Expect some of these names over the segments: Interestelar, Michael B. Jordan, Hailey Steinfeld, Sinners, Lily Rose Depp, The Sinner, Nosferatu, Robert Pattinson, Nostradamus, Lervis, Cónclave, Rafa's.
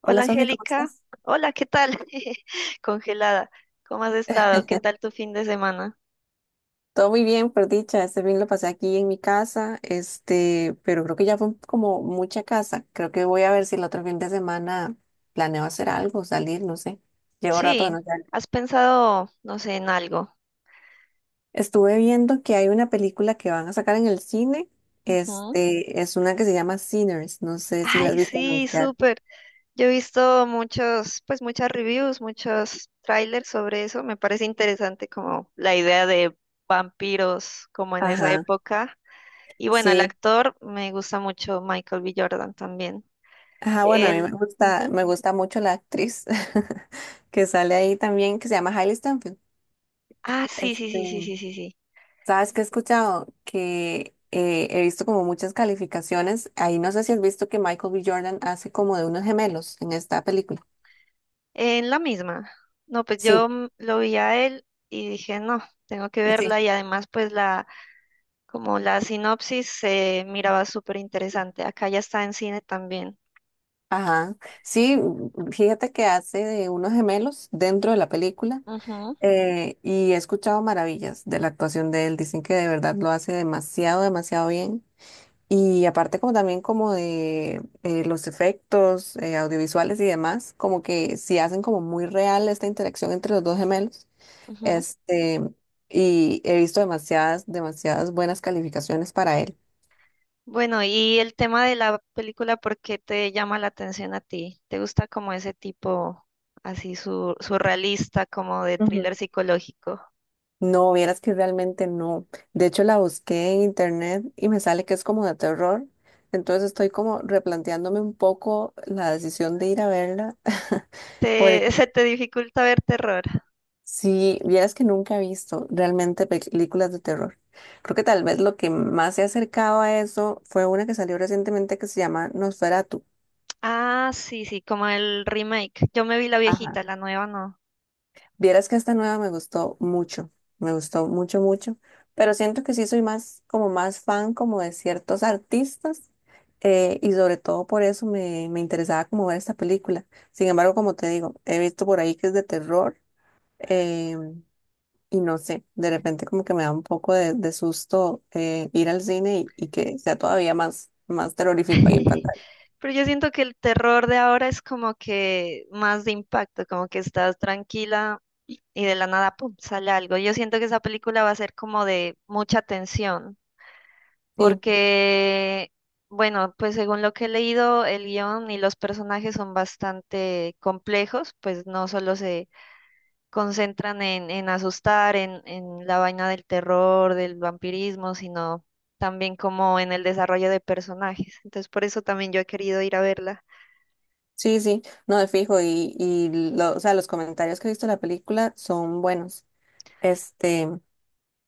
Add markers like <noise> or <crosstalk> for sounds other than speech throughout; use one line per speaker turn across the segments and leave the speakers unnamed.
Hola
Hola Sofi, ¿cómo
Angélica,
estás?
hola, ¿qué tal? <laughs> Congelada, ¿cómo has estado? ¿Qué tal tu fin de semana?
Todo muy bien, por dicha. Este fin lo pasé aquí en mi casa, pero creo que ya fue como mucha casa. Creo que voy a ver si el otro fin de semana planeo hacer algo, salir, no sé. Llevo rato de
Sí,
no salir.
¿has pensado, no sé, en algo?
Estuve viendo que hay una película que van a sacar en el cine.
Ujú.
Es una que se llama Sinners. No sé si la has
Ay,
visto
sí,
anunciar.
súper. Yo he visto muchos, pues muchas reviews, muchos trailers sobre eso. Me parece interesante como la idea de vampiros como en esa
Ajá,
época. Y bueno, el
sí.
actor me gusta mucho Michael B. Jordan también.
Ajá, bueno, a mí
Él, ujú.
me gusta mucho la actriz <laughs> que sale ahí también, que se llama Hailey Steinfeld.
Ah, sí, sí, sí, sí,
Este,
sí, sí, sí.
Sabes que he escuchado que he visto como muchas calificaciones. Ahí no sé si has visto que Michael B. Jordan hace como de unos gemelos en esta película.
En la misma. No, pues yo
Sí,
lo vi a él y dije, no, tengo que
sí.
verla y además pues como la sinopsis se miraba súper interesante. Acá ya está en cine también.
Ajá. Sí, fíjate que hace de unos gemelos dentro de la película.
Ujú,
Y he escuchado maravillas de la actuación de él. Dicen que de verdad lo hace demasiado, demasiado bien. Y aparte como también como de los efectos audiovisuales y demás, como que sí hacen como muy real esta interacción entre los dos gemelos.
ujú.
Este, y he visto demasiadas, demasiadas buenas calificaciones para él.
Bueno, y el tema de la película, ¿por qué te llama la atención a ti? ¿Te gusta como ese tipo así surrealista, como de
Ujú.
thriller psicológico?
No, vieras que realmente no. De hecho, la busqué en internet y me sale que es como de terror. Entonces estoy como replanteándome un poco la decisión de ir a verla. <laughs>
¿Te, <laughs>
Porque
se te dificulta ver terror?
si vieras que nunca he visto realmente películas de terror. Creo que tal vez lo que más se ha acercado a eso fue una que salió recientemente que se llama Nosferatu.
Ah, sí, sí, como el remake. Yo me vi la
Ajá.
viejita, la nueva no.
Vieras que esta nueva me gustó mucho, mucho, pero siento que sí soy más, como más fan como de ciertos artistas y sobre todo por eso me interesaba como ver esta película. Sin embargo, como te digo, he visto por ahí que es de terror eh, y no sé, de repente como que me da un poco de susto ir al cine y que sea todavía más, más terrorífico ahí en
<laughs>
pantalla.
Pero yo siento que el terror de ahora es como que más de impacto, como que estás tranquila y de la nada, pum, sale algo. Yo siento que esa película va a ser como de mucha tensión,
Sí,
porque, bueno, pues según lo que he leído, el guión y los personajes son bastante complejos, pues no solo se concentran en asustar, en la vaina del terror, del vampirismo, sino también como en el desarrollo de personajes. Entonces, por eso también yo he querido ir a verla.
sí, sí, no de fijo o sea, los comentarios que he visto de la película son buenos. Este,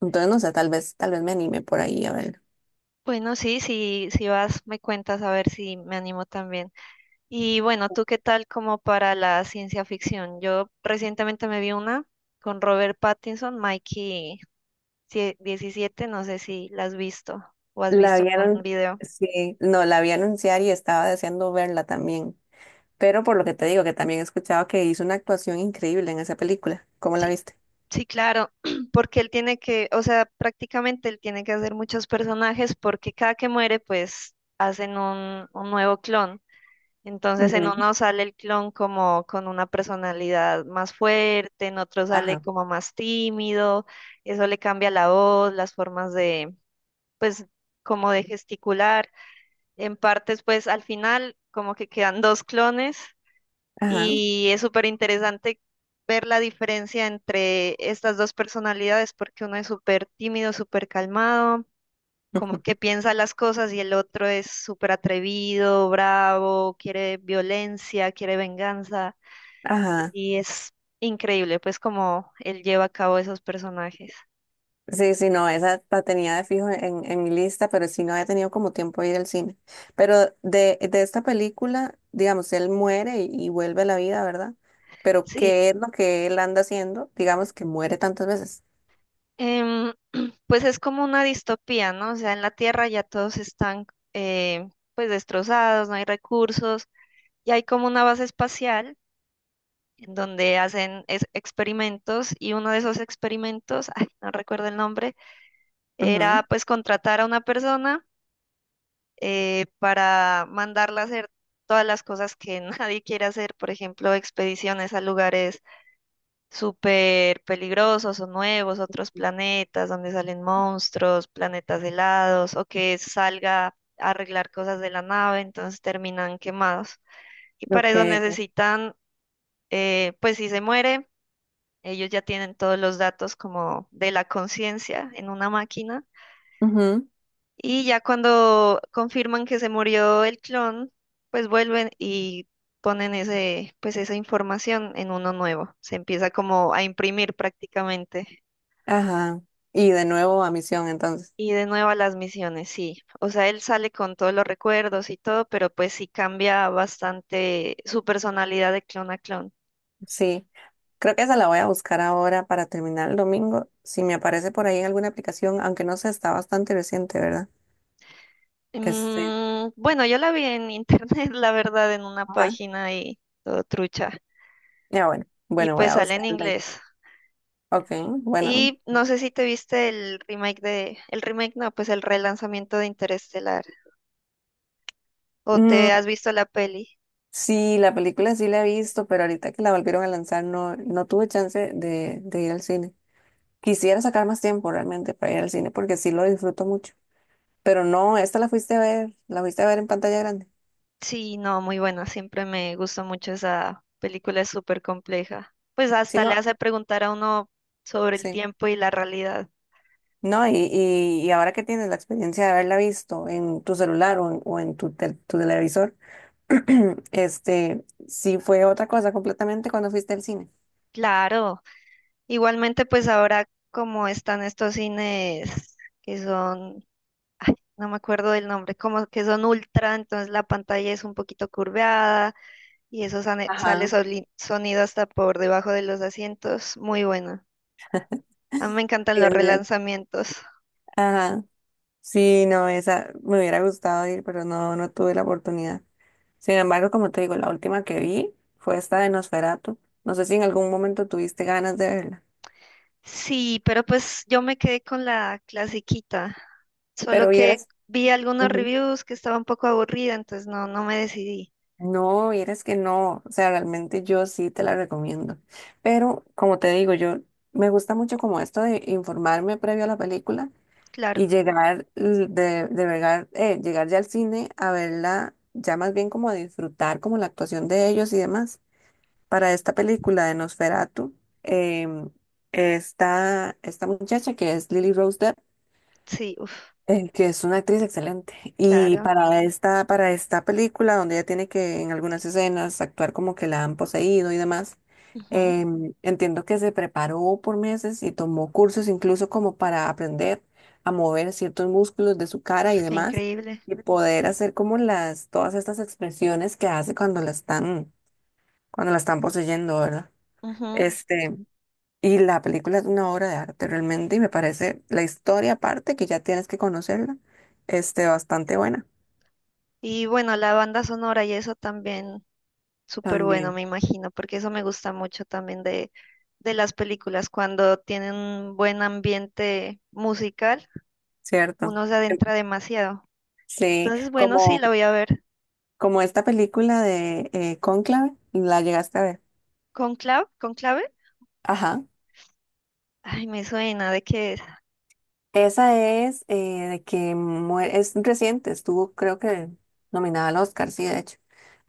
entonces no sé, tal vez me anime por ahí a ver.
Bueno, sí, sí, si vas, me cuentas a ver si me animo también. Y bueno, ¿tú qué tal como para la ciencia ficción? Yo recientemente me vi una con Robert Pattinson, 17, no sé si la has visto o has
La
visto algún
vieron,
video.
sí, no, la vi anunciar y estaba deseando verla también. Pero por lo que te digo, que también he escuchado que hizo una actuación increíble en esa película. ¿Cómo la
Sí
viste?
Sí, claro, <clears throat> porque él tiene que, o sea, prácticamente él tiene que hacer muchos personajes porque cada que muere, pues hacen un nuevo clon. Entonces en
Ujú.
uno sale el clon como con una personalidad más fuerte, en otro sale
Ajá,
como más tímido, eso le cambia la voz, las formas de, pues, como de gesticular. En partes, pues al final como que quedan dos clones
ajá,
y es súper interesante ver la diferencia entre estas dos personalidades, porque uno es súper tímido, súper calmado, como que
ujú,
piensa las cosas, y el otro es súper atrevido, bravo, quiere violencia, quiere venganza.
ajá.
Y es increíble, pues, como él lleva a cabo esos personajes.
Sí, sí, no, esa la tenía de fijo en mi lista, pero sí no había tenido como tiempo de ir al cine. Pero de esta película, digamos, él muere y vuelve a la vida, ¿verdad? Pero
Sí,
¿qué es lo que él anda haciendo? Digamos que muere tantas veces.
em, pues es como una distopía, ¿no? O sea, en la Tierra ya todos están, eh, pues, destrozados, no hay recursos, y hay como una base espacial en donde hacen experimentos y uno de esos experimentos, ay, no recuerdo el nombre,
Ujú.
era pues contratar a una persona para mandarla a hacer todas las cosas que <laughs> nadie quiere hacer, por ejemplo, expediciones a lugares súper peligrosos o nuevos, otros planetas donde salen monstruos, planetas helados o que salga a arreglar cosas de la nave, entonces terminan quemados. Y
Lo
para eso
que...
necesitan, pues si se muere, ellos ya tienen todos los datos como de la conciencia en una máquina
Ujú,
y ya cuando confirman que se murió el clon, pues vuelven y ponen pues esa información en uno nuevo. Se empieza como a imprimir prácticamente.
ajá. Y de nuevo a misión, entonces.
Y de nuevo a las misiones, sí. O sea, él sale con todos los recuerdos y todo, pero pues sí cambia bastante su personalidad de clon a clon.
Sí, creo que esa la voy a buscar ahora para terminar el domingo. Si me aparece por ahí en alguna aplicación, aunque no sé, está bastante reciente, ¿verdad? Este,
Mm, bueno, yo la vi en internet, <laughs> la verdad, en una
ajá.
página y todo trucha.
Ya bueno,
Y
bueno, voy
pues
a
sale en
buscarla.
inglés.
Ok, bueno.
Y no sé si te viste el remake no, pues el relanzamiento de Interestelar. ¿O
Mm,
te has visto la peli?
sí, la película sí la he visto, pero ahorita que la volvieron a lanzar no, no tuve chance de ir al cine. Quisiera sacar más tiempo realmente para ir al cine porque sí lo disfruto mucho. Pero no, esta la fuiste a ver, la fuiste a ver en pantalla grande.
Sí, no, muy buena. Siempre me gustó mucho esa película, es súper compleja. Pues
Sí,
hasta le
no,
hace preguntar a uno sobre el
sí.
tiempo y la realidad.
No, y ahora que tienes la experiencia de haberla visto en tu celular o en tu televisor, <clears throat> sí fue otra cosa completamente cuando fuiste al cine.
Claro. Igualmente, pues ahora como están estos cines que son ay, no me acuerdo del nombre, como que son ultra, entonces la pantalla es un poquito curveada y eso sale,
Ajá. <laughs>
sonido hasta por debajo de los asientos. Muy bueno. A mí me encantan
Sí,
los
es bien.
relanzamientos.
Ajá. Sí, no, esa me hubiera gustado ir, pero no, no tuve la oportunidad. Sin embargo, como te digo, la última que vi fue esta de Nosferatu. No sé si en algún momento tuviste ganas de verla,
Sí, pero pues yo me quedé con la clasiquita, solo
pero
que
vieras,
vi algunos
ujú.
reviews que estaba un poco aburrida, entonces no, no me decidí.
No, vieras que no, o sea, realmente yo sí te la recomiendo. Pero como te digo, yo me gusta mucho como esto de informarme previo a la película
Claro,
y llegar l- de llegar, llegar ya al cine a verla, ya más bien como a disfrutar como la actuación de ellos y demás. Para esta película de Nosferatu, em, está esta muchacha que es Lily Rose Depp,
sí, uff,
que es una actriz excelente. Y
claro.
para esta película, donde ella tiene que en algunas escenas actuar como que la han poseído y demás,
Ujú,
entiendo que se preparó por meses y tomó cursos incluso como para aprender a mover ciertos músculos de su cara y
uf, qué
demás,
increíble.
y poder hacer como todas estas expresiones que hace cuando la están poseyendo, ¿verdad?
Ujú.
Este, y la película es una obra de arte realmente y me parece la historia aparte, que ya tienes que conocerla, bastante buena
Y bueno, la banda sonora y eso también. Súper bueno,
también,
me imagino, porque eso me gusta mucho también de las películas, cuando tienen un buen ambiente musical,
¿cierto?
uno se adentra demasiado.
Sí,
Entonces, bueno, sí,
como,
la voy a ver.
esta película de Cónclave, la llegaste a ver.
¿Con clave? ¿Con clave?
Ajá.
Ay, me suena, ¿de qué es?
Esa es, de que muere, es reciente, estuvo creo que nominada al Oscar, sí, de hecho.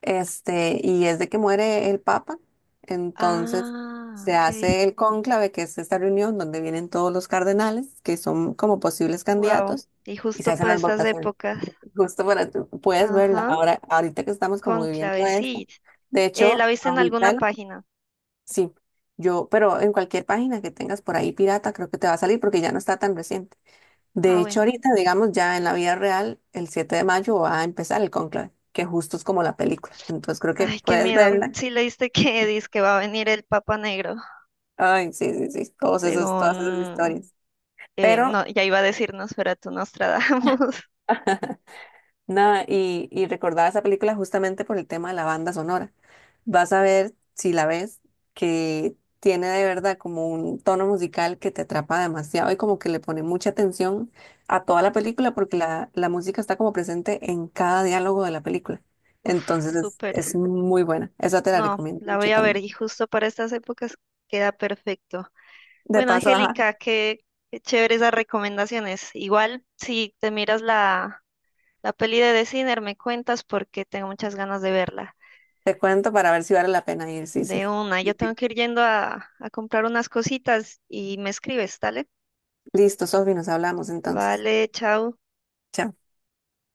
Y es de que muere el Papa, entonces
Ah,
se
ok,
hace el cónclave, que es esta reunión donde vienen todos los cardenales, que son como posibles
wow.
candidatos,
Y
y se
justo
hacen
para
las
estas
votaciones.
épocas.
<laughs> Justo para, Puedes verla
Ajá,
ahora, ahorita que estamos como
con
viviendo
clave,
esto.
sí.
De
¿La
hecho,
viste en
ahorita,
alguna página?
sí, yo, pero en cualquier página que tengas por ahí pirata, creo que te va a salir porque ya no está tan reciente.
Ah,
De hecho,
bueno.
ahorita, digamos, ya en la vida real, el 7 de mayo va a empezar el conclave, que justo es como la película. Entonces creo que
Ay, qué
puedes
miedo.
verla.
Sí leíste <laughs> que dice que va a venir el Papa Negro,
Ay, sí, sí, sí, todos esos, todas esas
según
historias. Pero
No, ya iba a decir Nosferatu Nostradamus. <laughs>
<laughs> nada, y recordaba esa película justamente por el tema de la banda sonora. Vas a ver, si la ves, que tiene de verdad como un tono musical que te atrapa demasiado y como que le pone mucha atención a toda la película porque la música está como presente en cada diálogo de la película.
Uf,
Entonces
súper.
es muy buena. Esa te la
No,
recomiendo
la voy
mucho
a ver
también.
y justo para estas épocas queda perfecto.
De
Bueno,
paso, ajá,
Angélica, qué chéveres las recomendaciones. Igual, si te miras la peli de The Sinner, me cuentas porque tengo muchas ganas de verla.
te cuento para ver si vale la pena ir. Sí,
De
sí.
una, yo tengo que ir yendo a comprar unas cositas y me escribes, ¿dale?
Listo, Sofi, nos hablamos entonces.
Vale, chao.
Chao.